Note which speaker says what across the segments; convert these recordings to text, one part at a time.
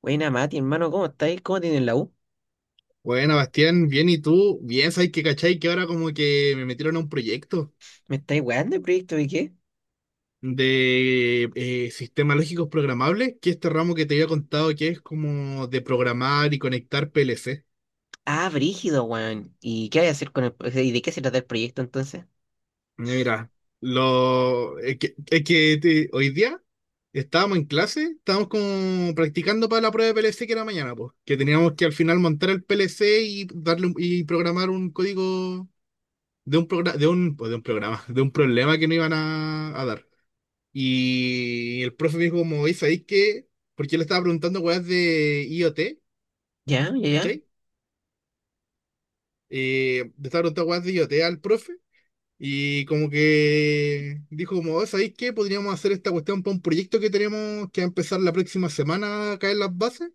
Speaker 1: Buena, Mati, hermano, ¿cómo estáis? ¿Cómo tienen la U?
Speaker 2: Bueno, Bastián, bien, ¿y tú? Bien, ¿sabes qué, cachai? Que ahora como que me metieron a un proyecto
Speaker 1: ¿Me estáis weando el proyecto de qué?
Speaker 2: de sistemas lógicos programables, que es este ramo que te había contado que es como de programar y conectar PLC.
Speaker 1: Ah, brígido, weón. ¿Y qué hay a hacer con ¿Y de qué se trata el proyecto entonces?
Speaker 2: Mira, lo, es que te- hoy día estábamos en clase, estábamos como practicando para la prueba de PLC que era mañana, pues, que teníamos que al final montar el PLC y darle un- y programar un código de un programa, de un programa, de un problema que no iban a dar. Y el profe me dijo como, oye, ¿sabéis qué? Porque yo le estaba preguntando weas de IoT,
Speaker 1: Ya, ya, ya.
Speaker 2: ¿cachai? Le estaba preguntando weas de IoT al profe. Y como que dijo como, "Oye, ¿sabéis qué? Podríamos hacer esta cuestión para un proyecto que tenemos que va a empezar la próxima semana acá en las bases.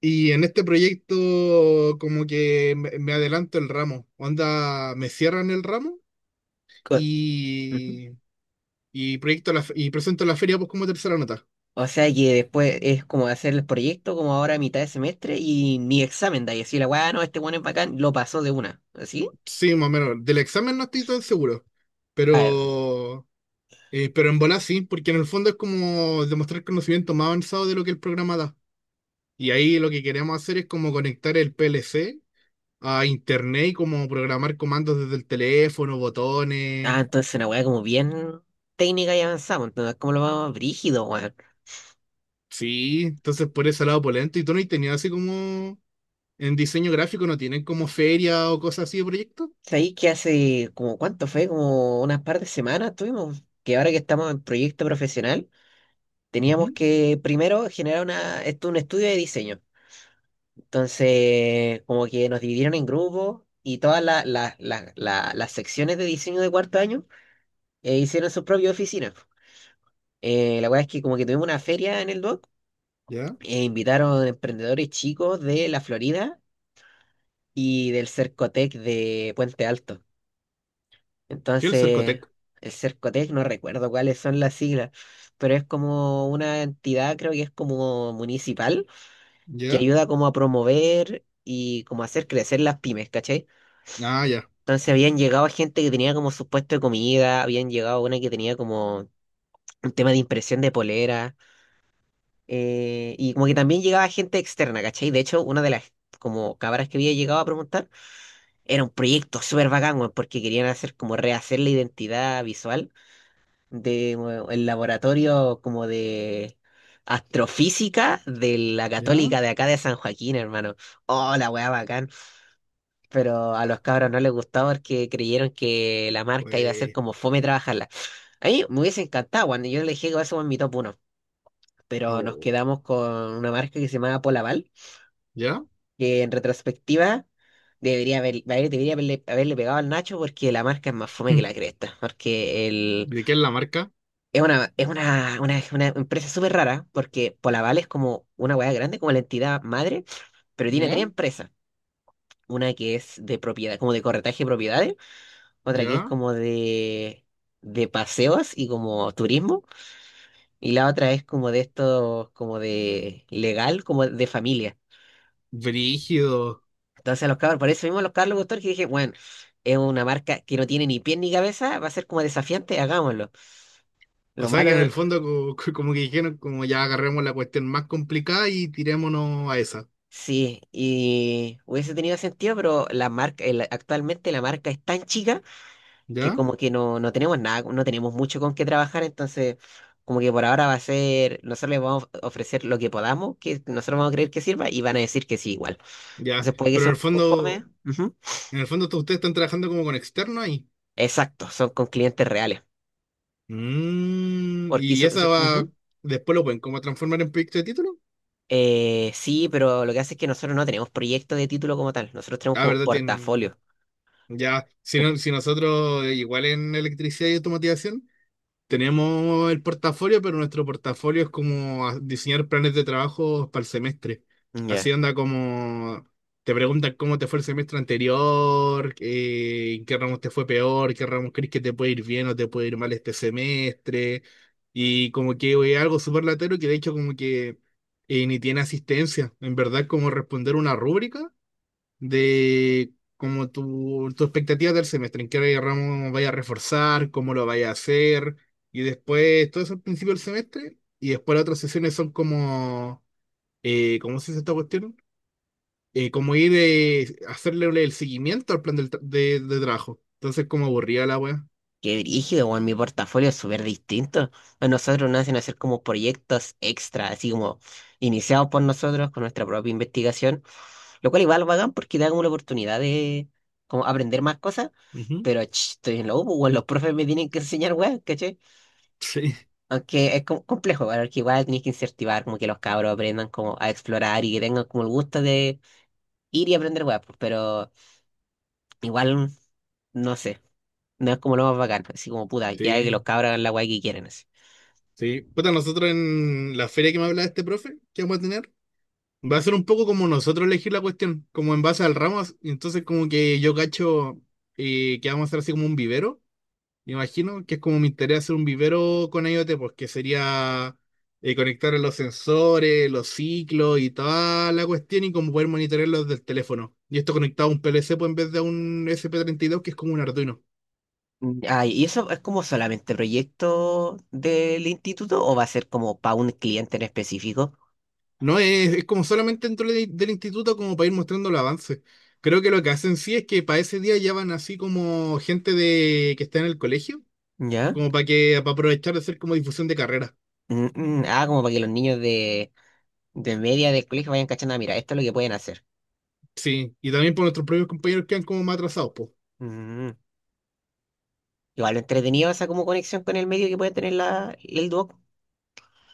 Speaker 2: Y en este proyecto como que me adelanto el ramo. Onda, me cierran el ramo
Speaker 1: Co- Ujú.
Speaker 2: y, y y presento la feria pues como tercera nota.
Speaker 1: O sea que después es como hacer el proyecto como ahora a mitad de semestre y ni examen da y así la weá, no, este weón es bacán, lo pasó de una. ¿Así?
Speaker 2: Sí, más o menos. Del examen no estoy tan seguro,
Speaker 1: Ah,
Speaker 2: pero, pero en bola sí, porque en el fondo es como demostrar conocimiento más avanzado de lo que el programa da. Y ahí lo que queremos hacer es como conectar el PLC a internet y como programar comandos desde el teléfono,
Speaker 1: ah,
Speaker 2: botones.
Speaker 1: entonces una weá como bien técnica y avanzamos, entonces cómo lo vamos brígido, weón.
Speaker 2: Sí, entonces por ese lado polento. ¿Y tú no has tenido así como en diseño gráfico, no tienen como feria o cosas así de proyectos?
Speaker 1: ¿Sabéis que hace como cuánto fue? Como unas par de semanas tuvimos, que ahora que estamos en proyecto profesional. Teníamos
Speaker 2: Ujú.
Speaker 1: que primero generar una, esto, un estudio de diseño. Entonces, como que nos dividieron en grupos y todas las secciones de diseño de cuarto año hicieron sus propias oficinas. La verdad es que como que tuvimos una feria en el DOC
Speaker 2: ¿Ya?
Speaker 1: e invitaron emprendedores chicos de la Florida y del Cercotec de Puente Alto.
Speaker 2: ¿Qué el
Speaker 1: Entonces,
Speaker 2: Cercotec?
Speaker 1: el Cercotec, no recuerdo cuáles son las siglas, pero es como una entidad, creo que es como municipal que
Speaker 2: ¿Ya?
Speaker 1: ayuda como a promover y como a hacer crecer las pymes, ¿cachai?
Speaker 2: Ah, ya.
Speaker 1: Entonces habían llegado gente que tenía como su puesto de comida, habían llegado una que tenía como un tema de impresión de polera, y como que también llegaba gente externa, ¿cachai? De hecho, una de las como cabras que había llegado a preguntar era un proyecto súper bacán, weón, porque querían hacer como rehacer la identidad visual de bueno, el laboratorio como de astrofísica de la
Speaker 2: ¿Ya?
Speaker 1: Católica de acá de San Joaquín, hermano. Oh, la weá bacán. Pero a los cabros no les gustaba porque creyeron que la marca iba a ser
Speaker 2: Pues,
Speaker 1: como fome trabajarla. A mí me hubiese encantado cuando yo le dije que eso en mi top uno pero nos
Speaker 2: oh.
Speaker 1: quedamos con una marca que se llamaba Polaval,
Speaker 2: ¿Ya?
Speaker 1: que en retrospectiva debería haberle pegado al Nacho porque la marca es más fome que
Speaker 2: Mm.
Speaker 1: la cresta, porque
Speaker 2: ¿De qué es la marca?
Speaker 1: es una, una empresa súper rara, porque Polaval es como una hueá grande, como la entidad madre, pero tiene
Speaker 2: ¿Ya?
Speaker 1: tres empresas. Una que es de propiedad, como de corretaje de propiedades, otra que es
Speaker 2: Ya,
Speaker 1: como de paseos y como turismo, y la otra es como de esto, como de legal, como de familia.
Speaker 2: brígido.
Speaker 1: Entonces a los cabros, por eso mismo a los Carlos Guttor que dije, bueno, es una marca que no tiene ni pies ni cabeza, va a ser como desafiante, hagámoslo.
Speaker 2: O
Speaker 1: Lo
Speaker 2: sea
Speaker 1: malo,
Speaker 2: que en el fondo como que dijeron, como ya agarremos la cuestión más complicada y tirémonos a esa.
Speaker 1: sí, y hubiese tenido sentido, pero la marca, el- actualmente la marca es tan chica que
Speaker 2: ¿Ya?
Speaker 1: como que no, no tenemos nada, no tenemos mucho con qué trabajar, entonces como que por ahora va a ser, nosotros les vamos a ofrecer lo que podamos, que nosotros vamos a creer que sirva y van a decir que sí igual.
Speaker 2: Ya.
Speaker 1: Entonces puede que
Speaker 2: Pero
Speaker 1: sea un poco fome. Ujú.
Speaker 2: en el fondo ustedes están trabajando como con externo ahí.
Speaker 1: Exacto, son con clientes reales.
Speaker 2: Mm,
Speaker 1: Porque
Speaker 2: y esa va,
Speaker 1: ujú.
Speaker 2: después lo pueden como transformar en proyecto de título.
Speaker 1: Sí, pero lo que hace es que nosotros no tenemos proyectos de título como tal, nosotros tenemos
Speaker 2: Ah,
Speaker 1: como
Speaker 2: ¿verdad? Tienen,
Speaker 1: portafolio.
Speaker 2: ya,
Speaker 1: En-
Speaker 2: si nosotros igual en electricidad y automatización. Tenemos el portafolio, pero nuestro portafolio es como diseñar planes de trabajo para el semestre. Así
Speaker 1: Ya.
Speaker 2: anda como te preguntan cómo te fue el semestre anterior, en qué ramos te fue peor, qué ramos crees que te puede ir bien o te puede ir mal este semestre. Y como que es algo súper latero que de hecho como que ni tiene asistencia. En verdad como responder una rúbrica de como tu expectativa del semestre, en qué ramo vaya a reforzar, cómo lo vaya a hacer, y después todo eso al principio del semestre, y después las otras sesiones son como, ¿cómo se dice esta cuestión? Como ir hacerle el seguimiento al plan de trabajo. Entonces, como aburrida la wea.
Speaker 1: Qué brígido, weón. Mi portafolio es súper distinto. A nosotros nos hacen hacer como proyectos extra, así como iniciados por nosotros con nuestra propia investigación, lo cual igual bacán porque da como la oportunidad de como aprender más cosas,
Speaker 2: Ujú.
Speaker 1: pero ch, estoy en la U, pues, weón, los profes me tienen que enseñar, weón, ¿cachai?
Speaker 2: Sí,
Speaker 1: Aunque es como complejo, weón, porque igual tienes que incentivar como que los cabros aprendan como a explorar y que tengan como el gusto de ir y aprender, weón, pues, pero igual, no sé, no es como lo más bacán, así como puta, ya que los
Speaker 2: sí,
Speaker 1: cabros hagan la weá que quieren, así.
Speaker 2: sí. Puta, nosotros en la feria que me hablaba este profe, ¿que vamos a tener? Va a ser un poco como nosotros elegir la cuestión, como en base al Ramos. Entonces, como que yo cacho que vamos a hacer así como un vivero, me imagino, que es como mi interés hacer un vivero con IoT, pues que sería conectar los sensores, los ciclos y toda la cuestión y como poder monitorearlos del teléfono. Y esto conectado a un PLC pues, en vez de a un sp dos que es como un Arduino.
Speaker 1: Mm, ah, ¿y eso es como solamente proyecto del instituto o va a ser como para un cliente en específico?
Speaker 2: No es, Es como solamente dentro del instituto, como para ir mostrando el avance. Creo que lo que hacen sí es que para ese día ya van así como gente de que está en el colegio
Speaker 1: ¿Ya?
Speaker 2: como para para aprovechar de hacer como difusión de carrera.
Speaker 1: Mm, mm, ah, como para que los niños de media del colegio vayan cachando, "Ah, mira, esto es lo que pueden hacer".
Speaker 2: Sí, y también por nuestros propios compañeros que han como más atrasados, pues.
Speaker 1: Mm, igual entretenido esa como conexión con el medio que puede tener la, el Duoc.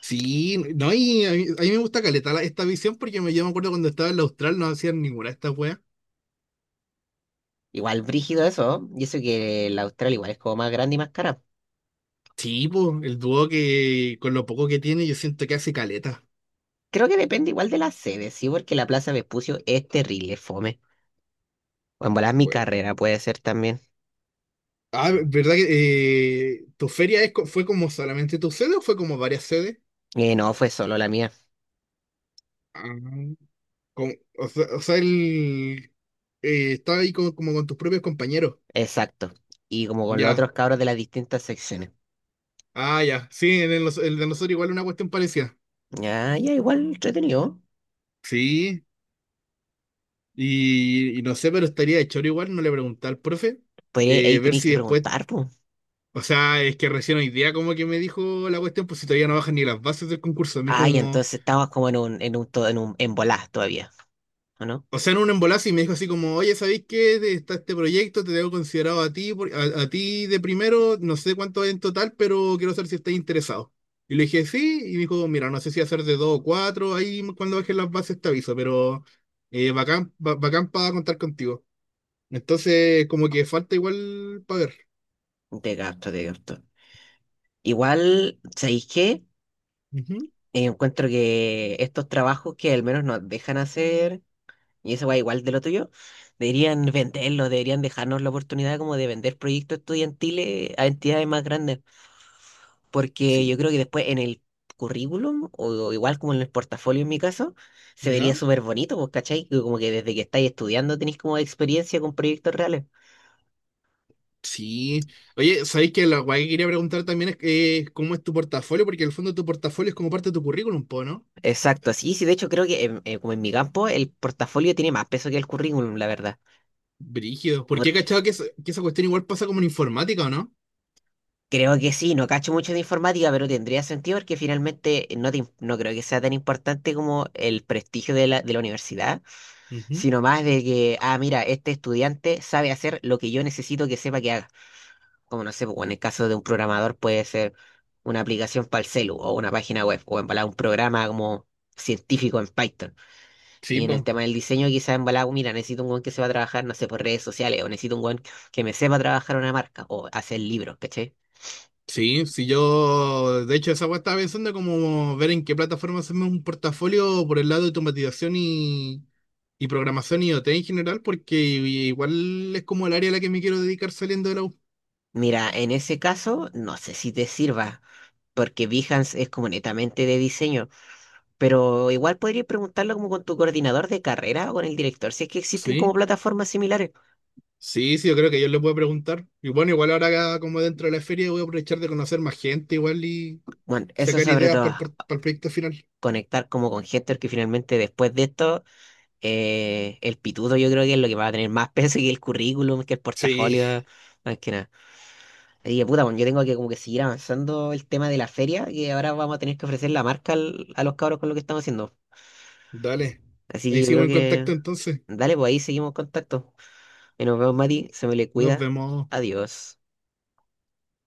Speaker 2: Sí, no, y a mí me gusta caleta esta visión porque me, yo me acuerdo cuando estaba en la Austral no hacían ninguna de estas weas.
Speaker 1: Igual brígido eso, ¿no? Y eso que la Austral igual es como más grande y más cara.
Speaker 2: Sí, pues, el dúo que con lo poco que tiene yo siento que hace caleta.
Speaker 1: Creo que depende igual de la sede, ¿sí? Porque la Plaza Vespucio es terrible, fome. O en volar mi
Speaker 2: Jue.
Speaker 1: carrera puede ser también.
Speaker 2: Ah, ¿verdad que tu feria es, fue como solamente tu sede o fue como varias sedes?
Speaker 1: No, fue solo la mía.
Speaker 2: Ah, o sea, o sea, estaba ahí como, como con tus propios compañeros.
Speaker 1: Exacto. Y como con los
Speaker 2: Ya.
Speaker 1: otros cabros de las distintas secciones.
Speaker 2: Ah, ya. Sí, en el de nosotros igual una cuestión parecida.
Speaker 1: Ya, ya, igual entretenido.
Speaker 2: Sí, y no sé, pero estaría de choro igual, no le pregunté al profe,
Speaker 1: Pues ahí ahí
Speaker 2: ver
Speaker 1: tenéis
Speaker 2: si
Speaker 1: que
Speaker 2: después,
Speaker 1: preguntar, pues.
Speaker 2: o sea, es que recién hoy día como que me dijo la cuestión, pues si todavía no bajan ni las bases del concurso, me dijo
Speaker 1: Ay,
Speaker 2: como,
Speaker 1: entonces estabas como en un, to- en un, en volás todavía, ¿o no?
Speaker 2: o sea, en un embolazo y me dijo así como, oye, ¿sabéis qué? Está este proyecto, te tengo considerado a ti, a ti de primero, no sé cuánto hay en total, pero quiero saber si estáis interesado. Y le dije, sí, y me dijo, mira, no sé si hacer de dos o cuatro, ahí cuando bajen las bases te aviso, pero eh, bacán para contar contigo. Entonces, como que falta igual para ver.
Speaker 1: De gasto, de gasto. Igual, ¿sabéis qué?
Speaker 2: Ujú,
Speaker 1: Encuentro que estos trabajos que al menos nos dejan hacer, y eso va igual de lo tuyo, deberían venderlos, deberían dejarnos la oportunidad como de vender proyectos estudiantiles a entidades más grandes, porque yo
Speaker 2: sí,
Speaker 1: creo que después en el currículum, o igual como en el portafolio en mi caso, se vería
Speaker 2: ¿ya?
Speaker 1: súper bonito, pues, ¿cachai? Que como que desde que estáis estudiando tenéis como experiencia con proyectos reales.
Speaker 2: Sí. Oye, ¿sabéis que la guay que quería preguntar también es cómo es tu portafolio? Porque en el fondo tu portafolio es como parte de tu currículum, po, ¿no?
Speaker 1: Exacto, sí, sí, de hecho creo que en- como en mi campo el portafolio tiene más peso que el currículum, la verdad.
Speaker 2: Brígido. Porque he
Speaker 1: Porque
Speaker 2: cachado que, que esa cuestión igual pasa como en informática, ¿o no?
Speaker 1: creo que sí, no cacho mucho de informática, pero tendría sentido porque finalmente no, te im- no creo que sea tan importante como el prestigio de la universidad,
Speaker 2: Ujú.
Speaker 1: sino más de que, ah, mira, este estudiante sabe hacer lo que yo necesito que sepa que haga. Como no sé, pues, bueno, en el caso de un programador puede ser una aplicación para el celu o una página web o embalar un programa como científico en Python.
Speaker 2: Sí,
Speaker 1: Y en el
Speaker 2: po.
Speaker 1: tema del diseño quizás embalar, mira, necesito un weón que sepa trabajar, no sé, por redes sociales o necesito un weón que me sepa trabajar una marca o hacer libros, ¿cachai?
Speaker 2: Sí, sí, yo. De hecho, esa weá estaba pensando como ver en qué plataforma hacemos un portafolio por el lado de automatización y programación y IoT en general, porque igual es como el área a la que me quiero dedicar saliendo de la U.
Speaker 1: Mira, en ese caso no sé si te sirva. Porque Behance es como netamente de diseño, pero igual podrías preguntarlo como con tu coordinador de carrera o con el director, si es que existen como
Speaker 2: Sí,
Speaker 1: plataformas similares.
Speaker 2: sí, sí, yo creo que yo le puedo preguntar. Y bueno, igual ahora como dentro de la feria voy a aprovechar de conocer más gente igual y
Speaker 1: Bueno, eso
Speaker 2: sacar
Speaker 1: sobre
Speaker 2: ideas
Speaker 1: todo.
Speaker 2: para para el proyecto final.
Speaker 1: Conectar como con Hector, que finalmente después de esto, el pituto yo creo que es lo que va a tener más peso que el currículum, que el
Speaker 2: Sí,
Speaker 1: portafolio, más que nada. Así que puta, bueno, yo tengo que como que seguir avanzando el tema de la feria, que ahora vamos a tener que ofrecer la marca al- a los cabros con lo que estamos haciendo.
Speaker 2: dale.
Speaker 1: Así
Speaker 2: Ahí
Speaker 1: que yo
Speaker 2: sigo
Speaker 1: creo
Speaker 2: en
Speaker 1: que,
Speaker 2: contacto entonces.
Speaker 1: dale, pues ahí seguimos en contacto. Y nos vemos, Mati, se me le
Speaker 2: Nos
Speaker 1: cuida.
Speaker 2: vemos.
Speaker 1: Adiós.